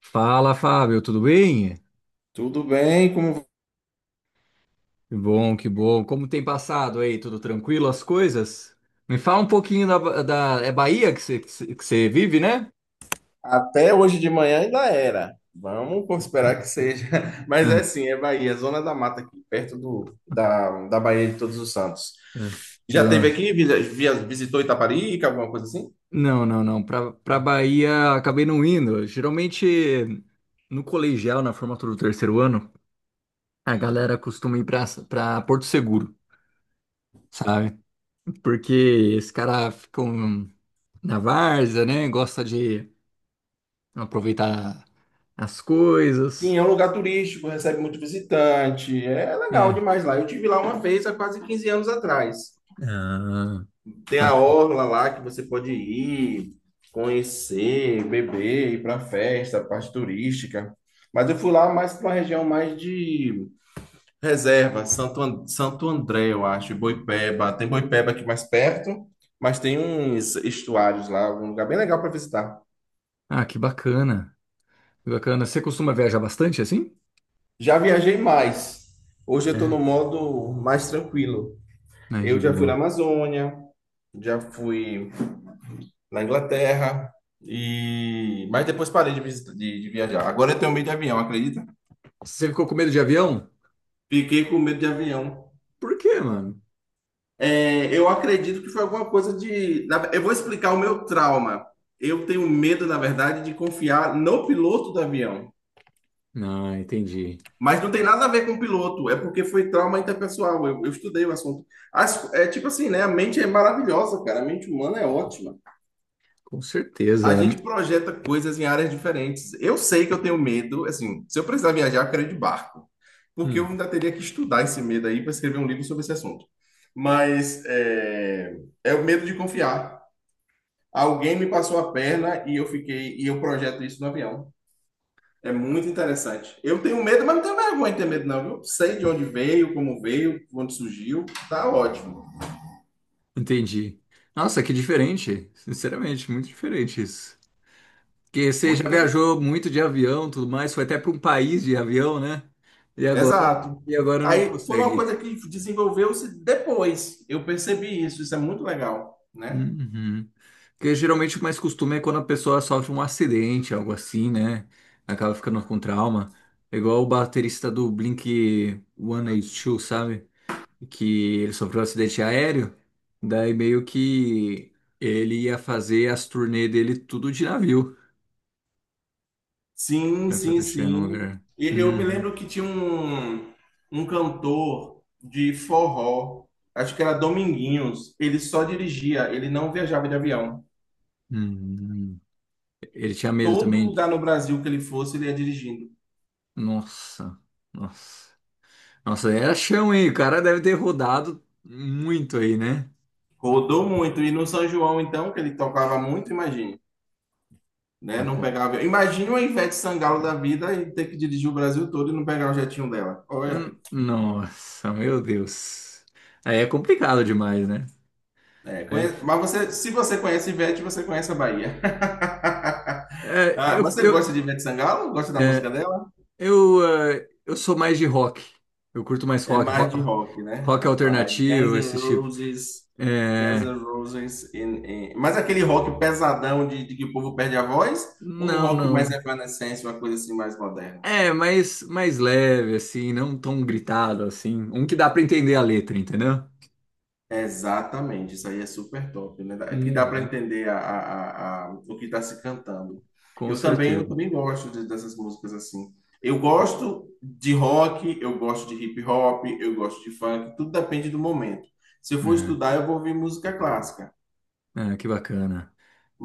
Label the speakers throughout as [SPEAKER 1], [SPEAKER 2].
[SPEAKER 1] Fala, Fábio, tudo bem?
[SPEAKER 2] Tudo bem, como
[SPEAKER 1] Que bom, que bom. Como tem passado aí? Tudo tranquilo as coisas? Me fala um pouquinho é Bahia que você vive, né?
[SPEAKER 2] até hoje de manhã ainda era. Vamos esperar que seja. Mas é sim, é Bahia, Zona da Mata aqui, perto do, da Bahia de Todos os Santos.
[SPEAKER 1] É.
[SPEAKER 2] Já teve aqui, visitou Itaparica, alguma coisa assim?
[SPEAKER 1] Não, não, não. Pra Bahia acabei não indo. Geralmente no colegial, na formatura do terceiro ano, a galera costuma ir pra Porto Seguro, sabe? Porque esses caras ficam na várzea, né? Gosta de aproveitar as
[SPEAKER 2] Sim,
[SPEAKER 1] coisas.
[SPEAKER 2] é um lugar turístico, recebe muito visitante. É legal demais lá. Eu tive lá uma vez há quase 15 anos atrás.
[SPEAKER 1] Ah,
[SPEAKER 2] Tem a
[SPEAKER 1] Bac-
[SPEAKER 2] orla lá que você pode ir, conhecer, beber, ir para festa, parte turística. Mas eu fui lá mais para uma região mais de Reserva, Santo, Santo André, eu acho, e Boipeba. Tem Boipeba aqui mais perto, mas tem uns estuários lá, um lugar bem legal para visitar.
[SPEAKER 1] Ah, que bacana. Que bacana. Você costuma viajar bastante assim?
[SPEAKER 2] Já viajei mais. Hoje eu estou
[SPEAKER 1] É.
[SPEAKER 2] no modo mais tranquilo.
[SPEAKER 1] Mas de
[SPEAKER 2] Eu já fui na
[SPEAKER 1] boa.
[SPEAKER 2] Amazônia, já fui na Inglaterra, e mas depois parei de viajar. Agora eu tenho medo de avião, acredita?
[SPEAKER 1] Você ficou com medo de avião?
[SPEAKER 2] Fiquei com medo de avião.
[SPEAKER 1] Por quê, mano?
[SPEAKER 2] É, eu acredito que foi alguma coisa. Eu vou explicar o meu trauma. Eu tenho medo, na verdade, de confiar no piloto do avião.
[SPEAKER 1] Ah, entendi.
[SPEAKER 2] Mas não tem nada a ver com o piloto, é porque foi trauma interpessoal. Eu estudei o assunto. É tipo assim, né? A mente é maravilhosa, cara. A mente humana é ótima.
[SPEAKER 1] Com
[SPEAKER 2] A
[SPEAKER 1] certeza.
[SPEAKER 2] gente projeta coisas em áreas diferentes. Eu sei que eu tenho medo, assim, se eu precisar viajar, eu quero ir de barco. Porque eu
[SPEAKER 1] Hum,
[SPEAKER 2] ainda teria que estudar esse medo aí para escrever um livro sobre esse assunto. Mas é o medo de confiar. Alguém me passou a perna e eu fiquei e eu projeto isso no avião. É muito interessante. Eu tenho medo, mas não tenho vergonha de ter medo, não. Eu sei de onde veio, como veio, onde surgiu. Tá ótimo.
[SPEAKER 1] entendi. Nossa, que diferente. Sinceramente, muito diferente isso. Porque você
[SPEAKER 2] Muito
[SPEAKER 1] já
[SPEAKER 2] interessante.
[SPEAKER 1] viajou muito de avião, tudo mais, foi até para um país de avião, né? E agora,
[SPEAKER 2] Exato.
[SPEAKER 1] e agora não
[SPEAKER 2] Aí foi uma
[SPEAKER 1] consegue.
[SPEAKER 2] coisa que desenvolveu-se depois. Eu percebi isso. Isso é muito legal, né?
[SPEAKER 1] Uhum. Porque geralmente o mais costume é quando a pessoa sofre um acidente, algo assim, né? Acaba ficando com trauma. É igual o baterista do Blink 182, sabe? Que ele sofreu um acidente aéreo. Daí meio que ele ia fazer as turnê dele tudo de navio. Né?
[SPEAKER 2] Sim,
[SPEAKER 1] Pra
[SPEAKER 2] sim,
[SPEAKER 1] proteger no
[SPEAKER 2] sim.
[SPEAKER 1] lugar.
[SPEAKER 2] E eu me
[SPEAKER 1] Uhum.
[SPEAKER 2] lembro que tinha um cantor de forró, acho que era Dominguinhos. Ele só dirigia, ele não viajava de avião.
[SPEAKER 1] Uhum. Ele tinha medo
[SPEAKER 2] Todo
[SPEAKER 1] também.
[SPEAKER 2] lugar no Brasil que ele fosse, ele ia dirigindo.
[SPEAKER 1] Nossa, nossa. Nossa, era chão, hein? O cara deve ter rodado muito aí, né?
[SPEAKER 2] Rodou muito. E no São João, então, que ele tocava muito, imagine. Né? Não pegava. Imagina uma Ivete Sangalo da vida e ter que dirigir o Brasil todo e não pegar o jetinho dela. Olha.
[SPEAKER 1] Nossa, meu Deus. Aí é complicado demais, né?
[SPEAKER 2] É,
[SPEAKER 1] Aí,
[SPEAKER 2] mas você, se você conhece Ivete, você conhece a Bahia.
[SPEAKER 1] é,
[SPEAKER 2] Ah,
[SPEAKER 1] eu,
[SPEAKER 2] você
[SPEAKER 1] eu,
[SPEAKER 2] gosta de Ivete Sangalo? Gosta da música
[SPEAKER 1] é,
[SPEAKER 2] dela?
[SPEAKER 1] eu, eu sou mais de rock. Eu curto mais
[SPEAKER 2] É
[SPEAKER 1] rock,
[SPEAKER 2] mais de rock, né,
[SPEAKER 1] rock,
[SPEAKER 2] rapaz? Guns
[SPEAKER 1] alternativo,
[SPEAKER 2] N'
[SPEAKER 1] esse tipo.
[SPEAKER 2] Roses, Guns
[SPEAKER 1] É,
[SPEAKER 2] N' Roses, mas aquele rock pesadão de que o povo perde a voz, ou um
[SPEAKER 1] não,
[SPEAKER 2] rock mais
[SPEAKER 1] não.
[SPEAKER 2] evanescente, uma coisa assim mais moderna?
[SPEAKER 1] É, mais leve, assim, não tão gritado, assim. Um que dá pra entender a letra, entendeu?
[SPEAKER 2] Exatamente, isso aí é super top, né? Que dá para
[SPEAKER 1] Uhum.
[SPEAKER 2] entender o que está se cantando.
[SPEAKER 1] Com
[SPEAKER 2] Eu também,
[SPEAKER 1] certeza.
[SPEAKER 2] eu também gosto dessas músicas assim. Eu gosto de rock, eu gosto de hip hop, eu gosto de funk, tudo depende do momento. Se eu for
[SPEAKER 1] É,
[SPEAKER 2] estudar, eu vou ouvir música clássica.
[SPEAKER 1] é, que bacana.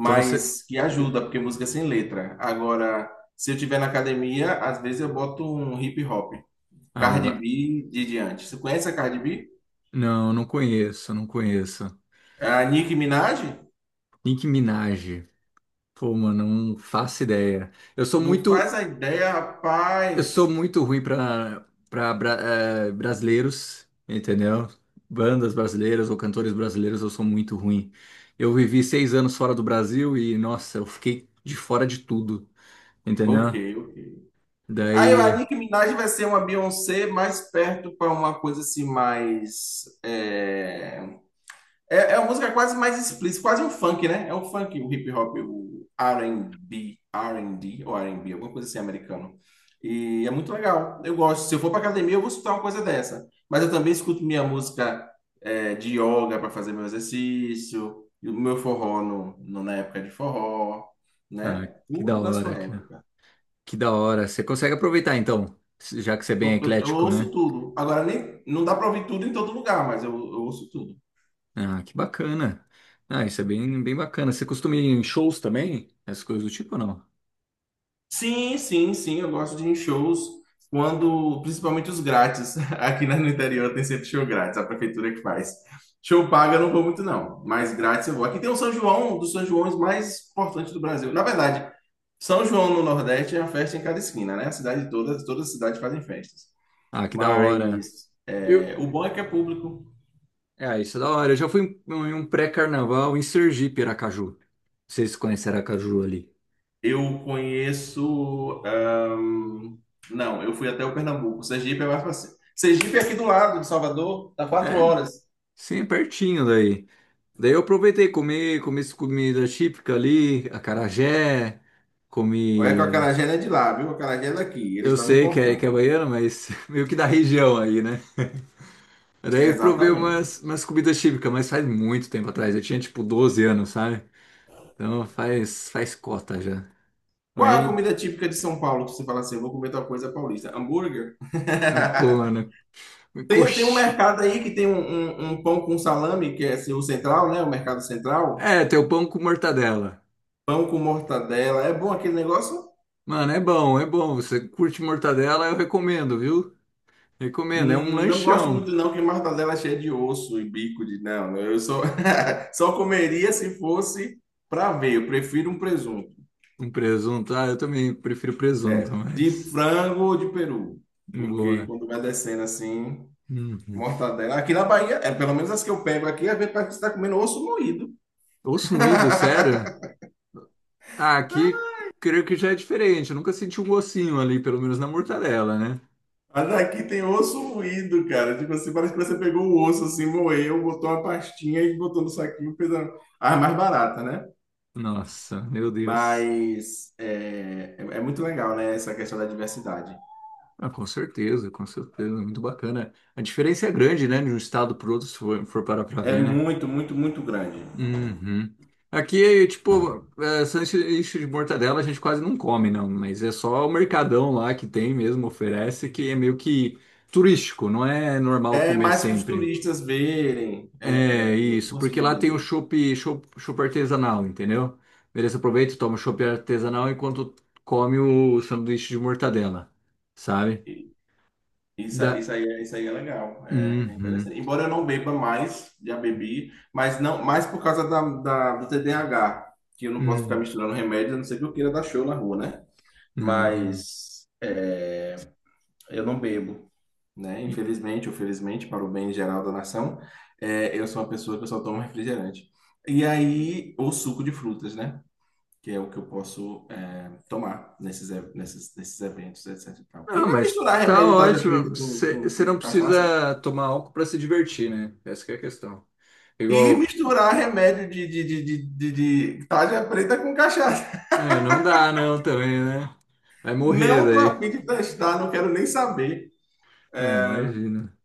[SPEAKER 1] Então você.
[SPEAKER 2] que ajuda, porque música é sem letra. Agora, se eu estiver na academia, às vezes eu boto um hip hop.
[SPEAKER 1] Ah,
[SPEAKER 2] Cardi
[SPEAKER 1] dá-
[SPEAKER 2] B de diante. Você conhece a Cardi B?
[SPEAKER 1] não, não conheço, não conheço.
[SPEAKER 2] A Nicki Minaj?
[SPEAKER 1] Nicki Minaj. Pô, mano, não faço ideia. Eu sou
[SPEAKER 2] Não faz
[SPEAKER 1] muito,
[SPEAKER 2] a ideia,
[SPEAKER 1] eu
[SPEAKER 2] rapaz.
[SPEAKER 1] sou muito ruim pra brasileiros, entendeu? Bandas brasileiras ou cantores brasileiros, eu sou muito ruim. Eu vivi 6 anos fora do Brasil e, nossa, eu fiquei de fora de tudo,
[SPEAKER 2] Ok,
[SPEAKER 1] entendeu?
[SPEAKER 2] ok. Aí
[SPEAKER 1] Daí,
[SPEAKER 2] a Nicki Minaj vai ser uma Beyoncé mais perto para uma coisa assim, mais. É uma música quase mais explícita, quase um funk, né? É um funk, o hip hop, o R&B, R&D ou R&B, alguma coisa assim americano. E é muito legal. Eu gosto. Se eu for para academia, eu vou escutar uma coisa dessa. Mas eu também escuto minha música de yoga para fazer meu exercício, e o meu forró na época de forró, né?
[SPEAKER 1] ah, que da
[SPEAKER 2] Tudo na
[SPEAKER 1] hora,
[SPEAKER 2] sua
[SPEAKER 1] que,
[SPEAKER 2] época.
[SPEAKER 1] que da hora. Você consegue aproveitar, então, já que você é bem
[SPEAKER 2] Eu
[SPEAKER 1] eclético, né?
[SPEAKER 2] ouço tudo. Agora nem não dá para ouvir tudo em todo lugar, mas eu ouço tudo.
[SPEAKER 1] Ah, que bacana. Ah, isso é bem, bem bacana. Você costuma ir em shows também? Essas coisas do tipo ou não?
[SPEAKER 2] Sim, sim, sim, eu gosto de ir em shows quando, principalmente os grátis. Aqui no interior tem sempre show grátis, a prefeitura que faz. Show paga eu não vou muito não, mas grátis eu vou. Aqui tem o São João, um dos São Joões mais importantes do Brasil. Na verdade, São João no Nordeste é uma festa em cada esquina, né? A cidade toda, todas as cidades fazem festas.
[SPEAKER 1] Ah, que da hora.
[SPEAKER 2] Mas é,
[SPEAKER 1] Eu...
[SPEAKER 2] o bom é que é público.
[SPEAKER 1] É, isso é da hora. Eu já fui em um pré-carnaval em Sergipe, Aracaju. Vocês conhecem Aracaju ali?
[SPEAKER 2] Eu conheço, não, eu fui até o Pernambuco. Sergipe é mais fácil. Sergipe é aqui do lado de Salvador, dá quatro
[SPEAKER 1] É,
[SPEAKER 2] horas.
[SPEAKER 1] sim, é pertinho daí. Daí eu aproveitei, comi essa comida típica ali, acarajé,
[SPEAKER 2] Olha que o
[SPEAKER 1] comi.
[SPEAKER 2] acarajé não é de lá, viu? O acarajé é daqui. Eles
[SPEAKER 1] Eu
[SPEAKER 2] estavam
[SPEAKER 1] sei que é
[SPEAKER 2] importando.
[SPEAKER 1] baiano, mas meio que da região aí, né? Daí eu provei
[SPEAKER 2] Exatamente.
[SPEAKER 1] umas comidas típicas, mas faz muito tempo atrás. Eu tinha tipo 12 anos, sabe? Então faz cota já.
[SPEAKER 2] Qual é a
[SPEAKER 1] Aí,
[SPEAKER 2] comida típica de São Paulo que você fala assim, eu vou comer tal coisa paulista? Hambúrguer?
[SPEAKER 1] pô, mano,
[SPEAKER 2] Tem um
[SPEAKER 1] coxa.
[SPEAKER 2] mercado aí que tem um pão com salame, que é assim, o central, né? O mercado central.
[SPEAKER 1] É, tem o pão com mortadela.
[SPEAKER 2] Pão com mortadela. É bom aquele negócio?
[SPEAKER 1] Mano, é bom, é bom. Você curte mortadela, eu recomendo, viu? Recomendo. É um
[SPEAKER 2] Não gosto
[SPEAKER 1] lanchão.
[SPEAKER 2] muito não, que mortadela é cheia de osso e bico de... Não, só comeria se fosse para ver. Eu prefiro um presunto.
[SPEAKER 1] Um presunto. Ah, eu também prefiro presunto,
[SPEAKER 2] De
[SPEAKER 1] mas.
[SPEAKER 2] frango ou de peru? Porque
[SPEAKER 1] Boa.
[SPEAKER 2] quando vai descendo assim,
[SPEAKER 1] Uhum.
[SPEAKER 2] mortadela. Aqui na Bahia, é pelo menos as que eu pego aqui, a gente parece que você tá comendo osso moído.
[SPEAKER 1] Osso moído, sério? Ah, aqui creio que já é diferente. Eu nunca senti um gocinho ali, pelo menos na mortadela, né?
[SPEAKER 2] Mas aqui tem osso moído, cara. Tipo assim, parece que você pegou o osso assim, moeu, botou uma pastinha e botou no saquinho, fez a mais barata, né?
[SPEAKER 1] Nossa, meu Deus.
[SPEAKER 2] Mas é muito legal, né? Essa questão da diversidade.
[SPEAKER 1] Ah, com certeza, com certeza. Muito bacana. A diferença é grande, né? De um estado para outro, se for parar pra
[SPEAKER 2] É
[SPEAKER 1] ver, né?
[SPEAKER 2] muito, muito, muito grande.
[SPEAKER 1] Uhum. Aqui, tipo, sanduíche de mortadela a gente quase não come, não, mas é só o mercadão lá que tem mesmo, oferece, que é meio que turístico, não é normal
[SPEAKER 2] É
[SPEAKER 1] comer
[SPEAKER 2] mais para os
[SPEAKER 1] sempre.
[SPEAKER 2] turistas verem. É,
[SPEAKER 1] É
[SPEAKER 2] eu
[SPEAKER 1] isso, porque
[SPEAKER 2] consigo
[SPEAKER 1] lá tem o
[SPEAKER 2] entender.
[SPEAKER 1] chopp artesanal, entendeu? Beleza, aproveita, toma o chopp artesanal enquanto come o sanduíche de mortadela, sabe?
[SPEAKER 2] Isso,
[SPEAKER 1] Da...
[SPEAKER 2] isso aí, é- isso aí é legal, é
[SPEAKER 1] Uhum.
[SPEAKER 2] interessante. Embora eu não beba mais, já bebi, mas não, mais por causa da, do TDAH, que eu não posso ficar
[SPEAKER 1] Uhum.
[SPEAKER 2] misturando remédios, a não ser que eu queira dar show na rua, né?
[SPEAKER 1] É, entendi.
[SPEAKER 2] Mas é, eu não bebo, né? Infelizmente, ou felizmente, para o bem geral da nação, eu sou uma pessoa que eu só tomo refrigerante. E aí, ou suco de frutas, né? Que é o que eu posso tomar nesses eventos, etc. e tal. Quem
[SPEAKER 1] Não,
[SPEAKER 2] vai
[SPEAKER 1] mas
[SPEAKER 2] misturar
[SPEAKER 1] tá
[SPEAKER 2] remédio tarja
[SPEAKER 1] ótimo.
[SPEAKER 2] preta com, com,
[SPEAKER 1] Você
[SPEAKER 2] com
[SPEAKER 1] não
[SPEAKER 2] cachaça?
[SPEAKER 1] precisa tomar álcool pra se divertir, né? Essa que é a questão.
[SPEAKER 2] E
[SPEAKER 1] Igual,
[SPEAKER 2] misturar remédio de tarja preta com cachaça.
[SPEAKER 1] não dá não também, né? Vai morrer
[SPEAKER 2] Não estou a
[SPEAKER 1] daí.
[SPEAKER 2] fim de testar, não quero nem saber.
[SPEAKER 1] É, imagina.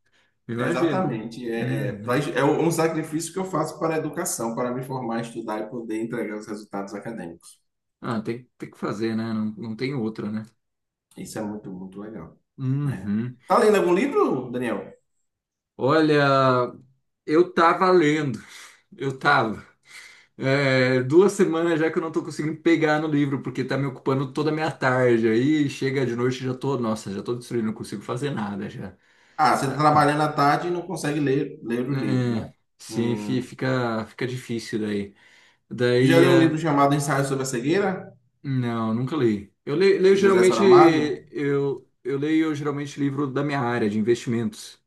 [SPEAKER 1] Imagina.
[SPEAKER 2] Exatamente. É, é, pra-
[SPEAKER 1] Uhum.
[SPEAKER 2] é um sacrifício que eu faço para a educação, para me formar, estudar e poder entregar os resultados acadêmicos.
[SPEAKER 1] Ah, tem que fazer, né? Não, não tem outra, né?
[SPEAKER 2] Isso é muito, muito, legal, né?
[SPEAKER 1] Uhum.
[SPEAKER 2] Tá lendo algum livro, Daniel?
[SPEAKER 1] Olha, eu tava lendo. Eu tava. É, 2 semanas já que eu não tô conseguindo pegar no livro, porque tá me ocupando toda a minha tarde. Aí chega de noite já tô, nossa, já tô destruído, não consigo fazer nada já.
[SPEAKER 2] Ah, você está trabalhando à tarde e não consegue ler o livro, né?
[SPEAKER 1] É, sim, fi-
[SPEAKER 2] Hum.
[SPEAKER 1] fica, fica difícil daí.
[SPEAKER 2] Tu já
[SPEAKER 1] Daí,
[SPEAKER 2] leu um livro chamado Ensaio sobre a Cegueira,
[SPEAKER 1] não, nunca li. Eu le- leio,
[SPEAKER 2] do José
[SPEAKER 1] geralmente,
[SPEAKER 2] Saramago?
[SPEAKER 1] eu, eu leio geralmente livro da minha área, de investimentos.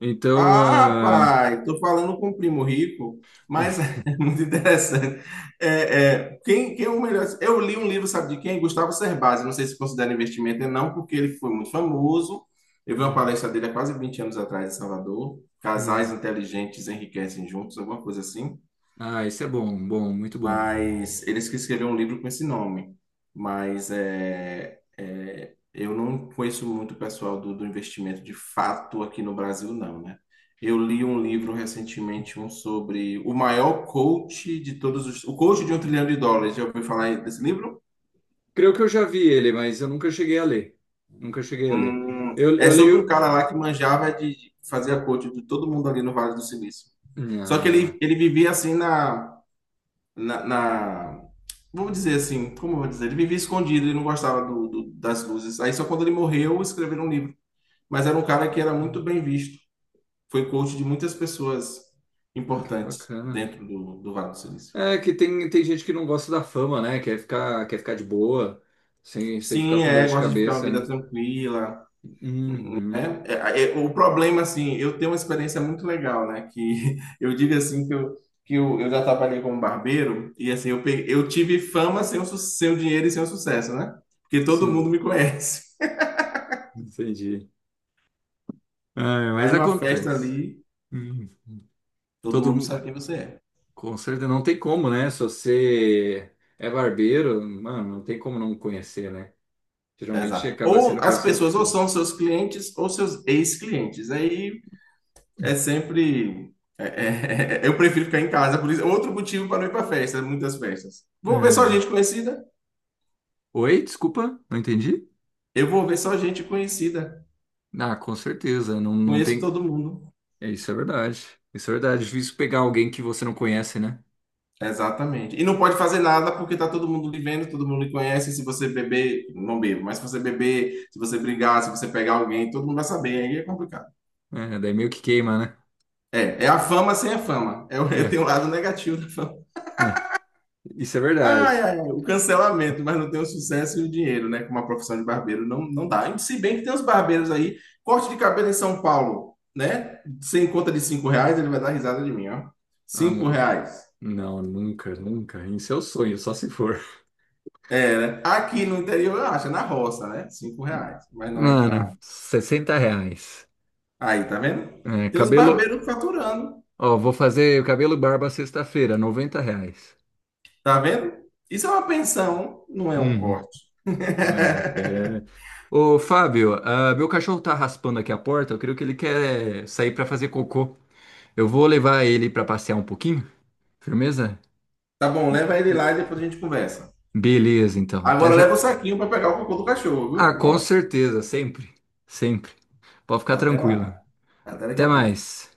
[SPEAKER 1] Então,
[SPEAKER 2] Ah,
[SPEAKER 1] ah,
[SPEAKER 2] pai, tô falando com o primo rico, mas é muito interessante. É, quem é o melhor? Eu li um livro, sabe de quem? Gustavo Cerbasi. Não sei se considera investimento ou não, porque ele foi muito famoso. Eu vi uma
[SPEAKER 1] Hum,
[SPEAKER 2] palestra dele há quase 20 anos atrás em Salvador. Casais
[SPEAKER 1] hum.
[SPEAKER 2] inteligentes enriquecem juntos, alguma coisa assim.
[SPEAKER 1] Ah, esse é bom, bom, muito bom.
[SPEAKER 2] Mas eles que escreveram um livro com esse nome. Mas é, eu não conheço muito o pessoal do investimento de fato aqui no Brasil, não, né? Eu li um livro recentemente, um sobre o maior coach de todos os... O coach de 1 trilhão de dólares. Já ouviu falar desse livro?
[SPEAKER 1] Creio que eu já vi ele, mas eu nunca cheguei a ler. Nunca cheguei a ler. Eu,
[SPEAKER 2] É
[SPEAKER 1] eu
[SPEAKER 2] sobre um
[SPEAKER 1] leio.
[SPEAKER 2] cara lá que manjava de fazer a coach de todo mundo ali no Vale do Silício. Só que
[SPEAKER 1] Ah,
[SPEAKER 2] ele vivia assim na, na- vamos dizer assim, como eu vou dizer? Ele vivia escondido, ele não gostava das luzes. Aí só quando ele morreu, escreveram um livro. Mas era um cara que era muito bem visto. Foi coach de muitas pessoas
[SPEAKER 1] ah, que
[SPEAKER 2] importantes
[SPEAKER 1] bacana.
[SPEAKER 2] dentro do Vale do Silício.
[SPEAKER 1] É que tem gente que não gosta da fama, né? Quer ficar de boa, sem ficar
[SPEAKER 2] Sim,
[SPEAKER 1] com dor de
[SPEAKER 2] gosta de ficar uma
[SPEAKER 1] cabeça,
[SPEAKER 2] vida
[SPEAKER 1] né?
[SPEAKER 2] tranquila,
[SPEAKER 1] Uhum,
[SPEAKER 2] né? É, o problema, assim, eu tenho uma experiência muito legal, né? Que eu digo assim que eu já trabalhei como barbeiro e assim, eu tive fama sem sem o dinheiro e sem o sucesso, né? Porque todo
[SPEAKER 1] sim,
[SPEAKER 2] mundo me conhece.
[SPEAKER 1] entendi. Ah, mas
[SPEAKER 2] Vai numa festa
[SPEAKER 1] acontece.
[SPEAKER 2] ali,
[SPEAKER 1] Uhum.
[SPEAKER 2] todo
[SPEAKER 1] Todo,
[SPEAKER 2] mundo sabe quem você é.
[SPEAKER 1] com certeza, não tem como, né? Se você é barbeiro, mano, não tem como não conhecer, né?
[SPEAKER 2] É,
[SPEAKER 1] Geralmente
[SPEAKER 2] exato.
[SPEAKER 1] acaba
[SPEAKER 2] Ou
[SPEAKER 1] sendo
[SPEAKER 2] as
[SPEAKER 1] conhecido por
[SPEAKER 2] pessoas ou
[SPEAKER 1] tudo.
[SPEAKER 2] são seus clientes ou seus ex-clientes. Aí é sempre. Eu prefiro ficar em casa, por isso. Outro motivo para não ir para festa, né, muitas festas. Vou ver só
[SPEAKER 1] Uhum.
[SPEAKER 2] gente conhecida.
[SPEAKER 1] Oi, desculpa, não entendi?
[SPEAKER 2] Eu vou ver só gente conhecida.
[SPEAKER 1] Ah, com certeza, não, não
[SPEAKER 2] Conheço
[SPEAKER 1] tem.
[SPEAKER 2] todo mundo.
[SPEAKER 1] É, isso é verdade. Isso é verdade. É difícil pegar alguém que você não conhece, né?
[SPEAKER 2] Exatamente. E não pode fazer nada porque tá todo mundo lhe vendo, todo mundo lhe conhece. Se você beber, não bebo, mas se você beber, se você brigar, se você pegar alguém, todo mundo vai saber. Aí é complicado.
[SPEAKER 1] É, daí meio que queima, né?
[SPEAKER 2] É, é a fama sem a fama. É,
[SPEAKER 1] É,
[SPEAKER 2] tem um lado negativo da fama.
[SPEAKER 1] é. Isso é verdade.
[SPEAKER 2] Ai, ai, ai, o cancelamento, mas não tem o sucesso e o dinheiro, né? Como a profissão de barbeiro não, não dá. E se bem que tem os barbeiros aí, corte de cabelo em São Paulo, né? Sem conta de R$ 5, ele vai dar risada de mim, ó.
[SPEAKER 1] Ah,
[SPEAKER 2] Cinco
[SPEAKER 1] não.
[SPEAKER 2] reais.
[SPEAKER 1] Não, nunca, nunca. Isso é o sonho, só se for.
[SPEAKER 2] É, né? Aqui no interior, eu acho, é na roça, né? R$ 5. Mas
[SPEAKER 1] Mano, R$ 60.
[SPEAKER 2] aí, tá vendo?
[SPEAKER 1] É,
[SPEAKER 2] Tem os
[SPEAKER 1] cabelo.
[SPEAKER 2] barbeiros faturando,
[SPEAKER 1] Ó, vou fazer cabelo e barba sexta-feira, R$ 90.
[SPEAKER 2] tá vendo? Isso é uma pensão, não é um
[SPEAKER 1] Uhum.
[SPEAKER 2] corte.
[SPEAKER 1] É, é. Ô, Fábio, ah, meu cachorro tá raspando aqui a porta. Eu creio que ele quer sair pra fazer cocô. Eu vou levar ele pra passear um pouquinho. Firmeza?
[SPEAKER 2] Tá bom, leva ele lá e depois a gente conversa.
[SPEAKER 1] Beleza, então. Até
[SPEAKER 2] Agora
[SPEAKER 1] já.
[SPEAKER 2] leva o saquinho para pegar o cocô do cachorro,
[SPEAKER 1] Ah,
[SPEAKER 2] viu?
[SPEAKER 1] com
[SPEAKER 2] Ó,
[SPEAKER 1] certeza, sempre. Sempre. Pode ficar
[SPEAKER 2] até
[SPEAKER 1] tranquilo.
[SPEAKER 2] lá. Até daqui
[SPEAKER 1] Até
[SPEAKER 2] a pouco.
[SPEAKER 1] mais.